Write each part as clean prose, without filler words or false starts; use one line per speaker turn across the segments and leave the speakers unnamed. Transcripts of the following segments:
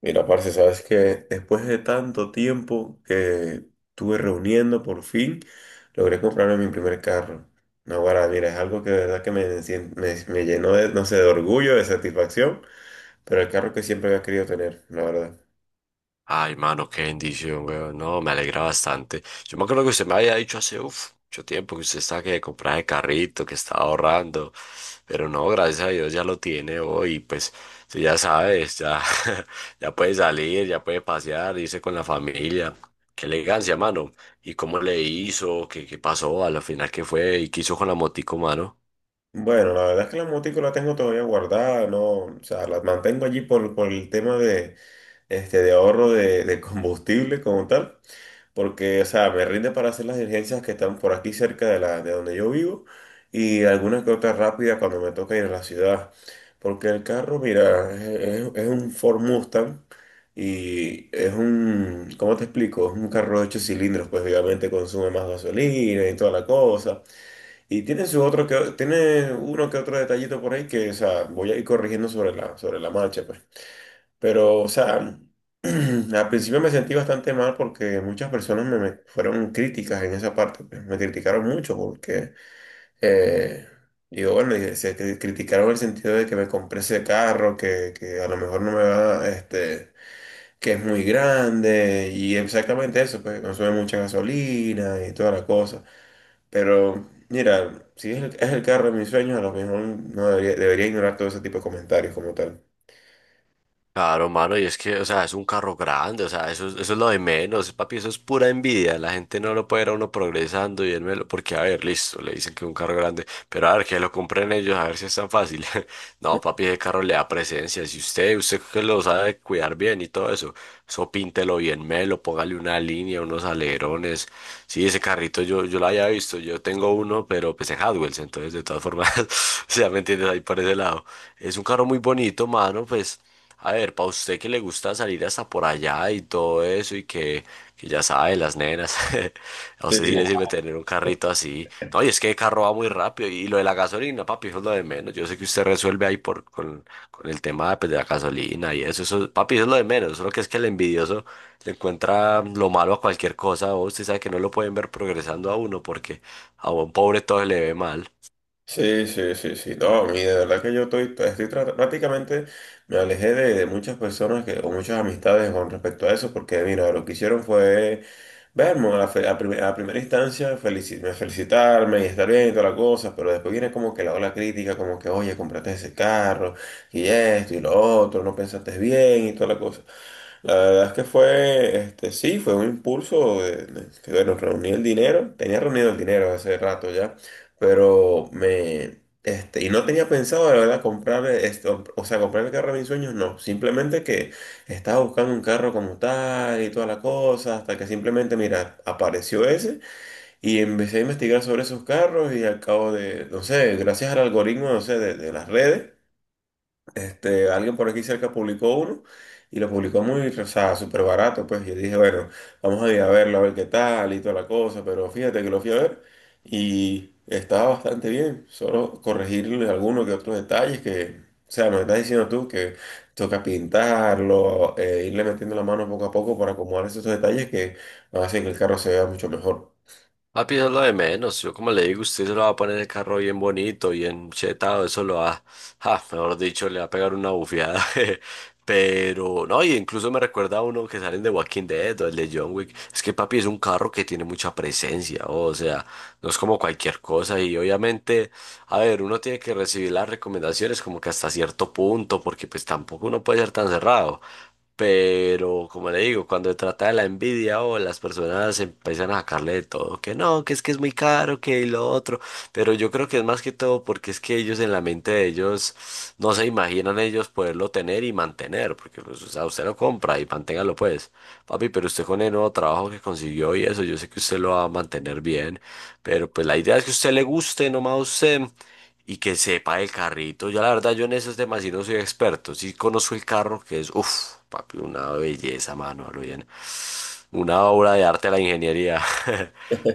Mira, parce, sabes que después de tanto tiempo que estuve reuniendo, por fin logré comprarme mi primer carro. No, ahora, mira, es algo que de verdad que me llenó de, no sé, de orgullo, de satisfacción, pero el carro que siempre había querido tener, la verdad.
Ay, mano, qué bendición, weón. No, me alegra bastante. Yo me acuerdo que usted me había dicho hace mucho tiempo que usted estaba que compraba de carrito, que estaba ahorrando. Pero no, gracias a Dios ya lo tiene hoy. Pues tú ya sabes, ya, ya puede salir, ya puede pasear, irse con la familia. Qué elegancia, mano. ¿Y cómo le hizo? ¿Qué, qué pasó? A la final, ¿qué fue? ¿Y qué hizo con la motico, mano?
Bueno, la verdad es que la motico la tengo todavía guardada, no, o sea, la mantengo allí por el tema este, de ahorro de combustible como tal. Porque, o sea, me rinde para hacer las diligencias que están por aquí cerca de la, de donde yo vivo y alguna que otra rápida cuando me toca ir a la ciudad. Porque el carro, mira, un Ford Mustang y es un, ¿cómo te explico? Es un carro de ocho cilindros, pues obviamente consume más gasolina y toda la cosa. Y tiene su otro que, tiene uno que otro detallito por ahí que, o sea, voy a ir corrigiendo sobre la marcha, pues. Pero, o sea, al principio me sentí bastante mal porque muchas personas me fueron críticas en esa parte, pues. Me criticaron mucho porque, eh, digo, bueno, y se criticaron en el sentido de que me compré ese carro, que a lo mejor no me va, que es muy grande y exactamente eso, pues consume mucha gasolina y toda la cosa. Pero, mira, si es el carro de mis sueños, a lo mejor no debería ignorar todo ese tipo de comentarios como tal.
Claro, mano, y es que, o sea, es un carro grande, o sea, eso, eso es lo de menos, papi, eso es pura envidia, la gente no lo puede ver a uno progresando y él me lo, porque, a ver, listo, le dicen que es un carro grande, pero a ver, que lo compren ellos, a ver si es tan fácil. No, papi, ese carro le da presencia, si usted que lo sabe cuidar bien y todo eso, eso píntelo bien, melo, póngale una línea, unos alerones, sí, ese carrito yo lo había visto, yo tengo uno, pero pues en Hadwells, entonces, de todas formas, o sea, ¿me entiendes? Ahí por ese lado. Es un carro muy bonito, mano, pues... A ver, para usted que le gusta salir hasta por allá y todo eso y que ya sabe, las nenas, a
Sí.
usted sí le sirve tener un carrito así. No, y es que el carro va muy rápido y lo de la gasolina, papi, eso es lo de menos. Yo sé que usted resuelve ahí por, con el tema pues, de la gasolina y eso, papi, eso es lo de menos. Solo que es que el envidioso le encuentra lo malo a cualquier cosa. O Usted sabe que no lo pueden ver progresando a uno porque a un pobre todo se le ve mal.
Sí, sí, sí, sí. No, a de verdad que yo estoy, pues, estoy prácticamente me alejé de muchas personas que, o muchas amistades con respecto a eso, porque mira, lo que hicieron fue verme a, la fe- a prim- a primera instancia felici- me felicitarme y estar bien y toda la cosa, pero después viene como que la ola crítica, como que, oye, compraste ese carro y esto y lo otro, no pensaste bien y toda la cosa. La verdad es que fue, este, sí, fue un impulso, que bueno, reuní el dinero, tenía reunido el dinero hace rato ya, pero y no tenía pensado, la verdad, comprar, esto, o sea, comprar el carro de mis sueños, no, simplemente que... Estaba buscando un carro como tal y toda la cosa, hasta que simplemente, mira, apareció ese y empecé a investigar sobre esos carros y al cabo de, no sé, gracias al algoritmo, no sé, de las redes, este, alguien por aquí cerca publicó uno y lo publicó muy, o sea, súper barato, pues. Yo dije, bueno, vamos a ir a verlo, a ver qué tal y toda la cosa, pero fíjate que lo fui a ver y estaba bastante bien. Solo corregirle algunos que otros detalles que, o sea, me estás diciendo tú que toca pintarlo, irle metiendo la mano poco a poco para acomodar esos detalles que hacen que el carro se vea mucho mejor.
Papi, eso es lo de menos. Yo como le digo, usted se lo va a poner el carro bien bonito, bien chetado, eso lo va, ja, mejor dicho, le va a pegar una bufiada. Jeje. Pero, no, y incluso me recuerda a uno que salen de Walking Dead o el de John Wick. Es que papi es un carro que tiene mucha presencia, oh, o sea, no es como cualquier cosa. Y obviamente, a ver, uno tiene que recibir las recomendaciones como que hasta cierto punto, porque pues tampoco uno puede ser tan cerrado. Pero, como le digo, cuando se trata de la envidia o las personas empiezan a sacarle de todo, que no, que es muy caro, que lo otro, pero yo creo que es más que todo porque es que ellos en la mente de ellos no se imaginan ellos poderlo tener y mantener, porque pues, o sea, usted lo compra y manténgalo pues, papi, pero usted con el nuevo trabajo que consiguió y eso, yo sé que usted lo va a mantener bien, pero pues la idea es que a usted le guste, nomás a usted, y que sepa el carrito. Yo la verdad, yo en esos temas sí no soy experto. Sí conozco el carro, que es, uff, papi, una belleza, mano, a lo bien. Una obra de arte de la ingeniería.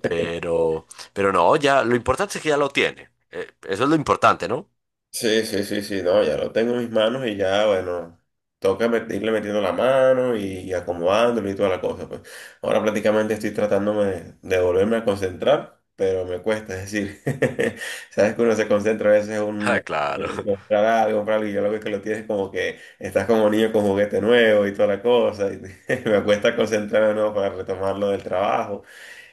Pero, pero no, ya, lo importante es que ya lo tiene. Eso es lo importante, ¿no?
Sí, sí, sí, sí, no, ya lo tengo en mis manos y ya, bueno, toca irle metiendo la mano y acomodándolo y toda la cosa, pues. Ahora prácticamente estoy tratándome de volverme a concentrar, pero me cuesta, es decir, sabes que uno se concentra a veces
Ah,
un
claro.
comprar algo y ya lo ves que lo tienes como que estás como niño con juguete nuevo y toda la cosa, y me cuesta concentrarme de nuevo para retomarlo del trabajo.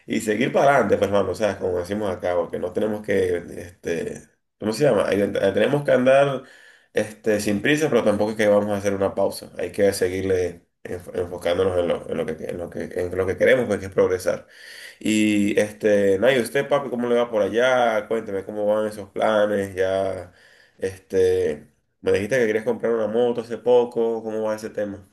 Y seguir para adelante, pues, hermano, o sea, como decimos acá, porque no tenemos que, este, ¿cómo se llama? Tenemos que andar, este, sin prisa, pero tampoco es que vamos a hacer una pausa. Hay que seguirle enfocándonos en lo, en lo que queremos, pues, que es progresar. Y, este, nada, ¿y usted, papi, cómo le va por allá? Cuénteme cómo van esos planes, ya, este, me dijiste que querías comprar una moto hace poco, ¿cómo va ese tema?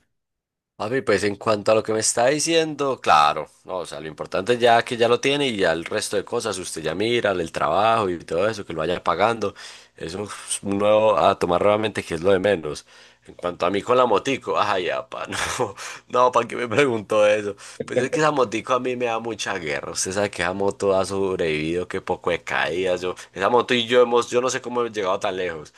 Papi, pues en cuanto a lo que me está diciendo, claro, no, o sea, lo importante ya que ya lo tiene y ya el resto de cosas, usted ya mira el trabajo y todo eso, que lo vaya pagando, eso es un nuevo a tomar nuevamente que es lo de menos. En cuanto a mí con la motico, ay, apa, no, no, ¿para qué me preguntó eso? Pues es que esa motico a mí me da mucha guerra, usted sabe que esa moto ha sobrevivido, que poco de caídas, yo, esa moto y yo hemos, yo no sé cómo hemos llegado tan lejos.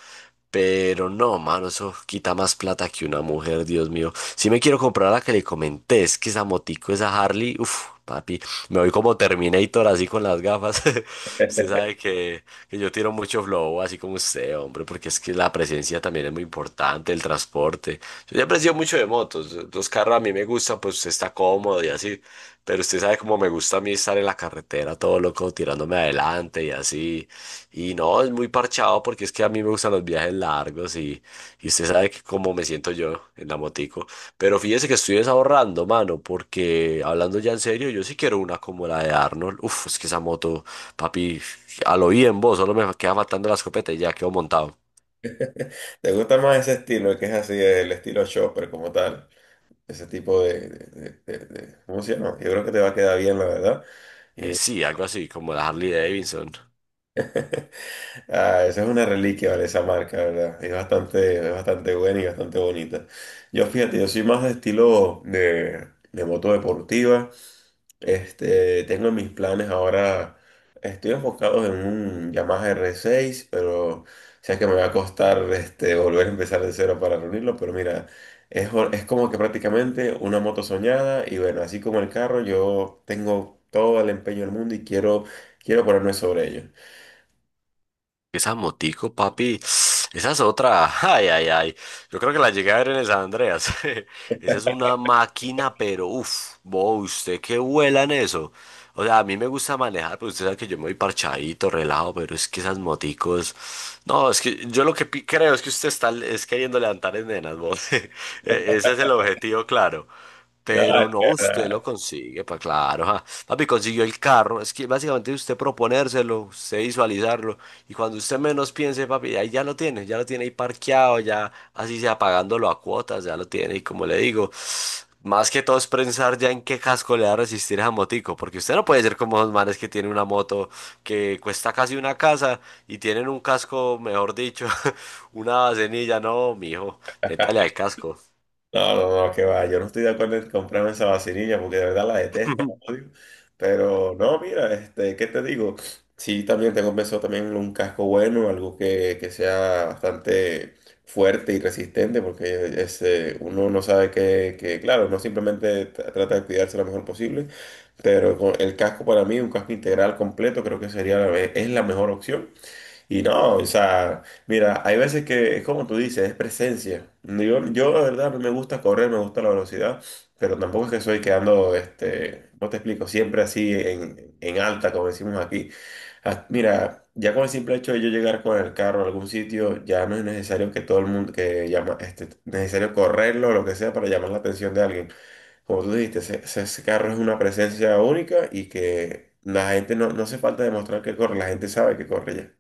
Pero no, mano, eso quita más plata que una mujer, Dios mío. Si me quiero comprar la que le comenté, es que esa motico, esa Harley, uff, papi, me voy como Terminator así con las gafas. Usted sabe que yo tiro mucho flow, así como usted, hombre, porque es que la presencia también es muy importante, el transporte. Yo siempre he sido mucho de motos, los carros a mí me gustan, pues usted está cómodo y así, pero usted sabe cómo me gusta a mí estar en la carretera todo loco, tirándome adelante y así. Y no, es muy parchado porque es que a mí me gustan los viajes largos y usted sabe que cómo me siento yo en la motico. Pero fíjese que estoy desahorrando, mano, porque hablando ya en serio, yo sí quiero una como la de Arnold. Uf, es que esa moto, papi, a lo bien vos, solo me queda faltando la escopeta y ya quedo montado.
¿Te gusta más ese estilo, que es así, el estilo shopper como tal? Ese tipo de, ¿cómo se llama? Yo creo que te va a quedar bien, la verdad. Y
Sí, algo así como la Harley Davidson.
ah, esa es una reliquia, ¿vale? Esa marca, ¿verdad? Es bastante buena y bastante bonita. Yo, fíjate, yo soy más de estilo de moto deportiva. Este, tengo mis planes ahora, estoy enfocado en un Yamaha R6, pero sé que me va a costar este, volver a empezar de cero para reunirlo, pero mira, es, es como que prácticamente una moto soñada y bueno, así como el carro, yo tengo todo el empeño del mundo y quiero, quiero ponerme sobre ello.
Esa motico, papi, esa es otra. Ay, ay, ay. Yo creo que la llegué a ver en el San Andreas. Esa es una máquina, pero uff, vos, usted que vuela en eso. O sea, a mí me gusta manejar, pero usted sabe que yo me voy parchadito, relajado, pero es que esas moticos. No, es que yo lo que creo es que usted está es queriendo levantar en nenas, vos. Ese es el objetivo, claro.
Nada,
Pero no, usted lo consigue, pues claro, ja. Papi consiguió el carro, es que básicamente usted proponérselo, usted visualizarlo, y cuando usted menos piense, papi, ahí ya lo tiene ahí parqueado, ya así sea pagándolo a cuotas, ya lo tiene. Y como le digo, más que todo es pensar ya en qué casco le va a resistir esa motico, porque usted no puede ser como los manes que tienen una moto que cuesta casi una casa y tienen un casco, mejor dicho, una cenilla, no, mijo, métale al casco.
no, no, no, que va. Yo no estoy de acuerdo en comprarme esa vacinilla porque de verdad la detesto, la odio. Pero no, mira, este, ¿qué te digo? Sí, también tengo pensado también en un casco bueno, algo que sea bastante fuerte y resistente, porque ese, uno no sabe claro, uno simplemente trata de cuidarse lo mejor posible, pero con el casco para mí, un casco integral completo, creo que sería es la mejor opción. Y no, o sea, mira, hay veces que es como tú dices, es presencia. Yo la verdad no me gusta correr, me gusta la velocidad, pero tampoco es que soy quedando, este, no te explico, siempre así en alta, como decimos aquí. Ah, mira, ya con el simple hecho de yo llegar con el carro a algún sitio, ya no es necesario que todo el mundo, que llama, este, necesario correrlo o lo que sea para llamar la atención de alguien. Como tú dijiste, ese carro es una presencia única y que la gente no, no hace falta demostrar que corre, la gente sabe que corre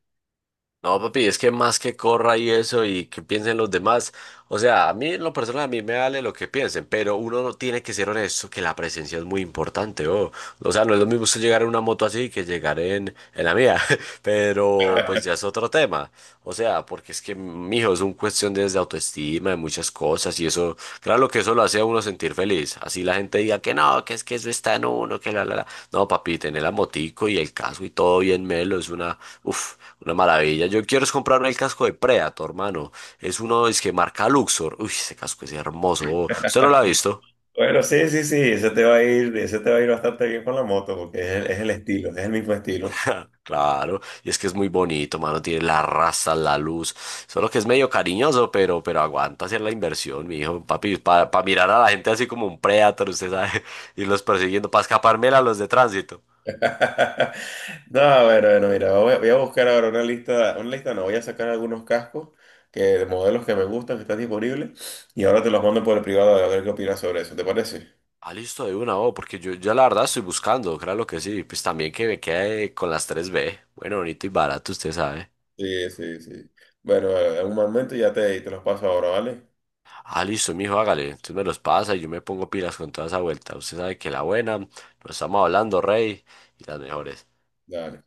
No, papi, es que más que corra y eso y que piensen los demás. O sea, a mí en lo personal a mí me vale lo que piensen, pero uno no tiene que ser honesto que la presencia es muy importante, oh. O sea, no es lo mismo usted llegar en una moto así que llegar en la mía, pero
ya.
pues ya es otro tema. O sea, porque es que, mijo, es un cuestión desde autoestima, de muchas cosas y eso, claro que eso lo hace a uno sentir feliz. Así la gente diga que no, que es que eso está en uno, que la. No, papi, tener la motico y el casco y todo bien melo es una, uff, una maravilla. Yo quiero es comprarme el casco de Predator, hermano. Es uno, es que marca Luxor. Uy, ese casco es hermoso. ¿Usted no lo ha visto?
Bueno, sí, sí, sí, ese te va a ir, ese te va a ir bastante bien con la moto, porque es el estilo, es el mismo estilo.
Claro, y es que es muy bonito, mano. Tiene la raza, la luz. Solo que es medio cariñoso, pero aguanta hacer la inversión, mi hijo. Papi, para mirar a la gente así como un predator, usted sabe, irlos persiguiendo, para escapármela a los de tránsito.
No, bueno, bueno, mira, voy a buscar ahora una lista no, voy a sacar algunos cascos que, de modelos que me gustan, que están disponibles, y ahora te los mando por el privado a ver qué opinas sobre eso, ¿te parece?
Ah, listo, de una, oh, porque yo la verdad estoy buscando, claro que sí. Pues también que me quede con las tres b. Bueno, bonito y barato, usted sabe.
Sí, sí, sí. Bueno, en un momento ya te los paso ahora, ¿vale?
Ah, listo, mijo, hágale. Entonces me los pasa y yo me pongo pilas con toda esa vuelta. Usted sabe que la buena, nos estamos hablando, rey, y las mejores.
Dale.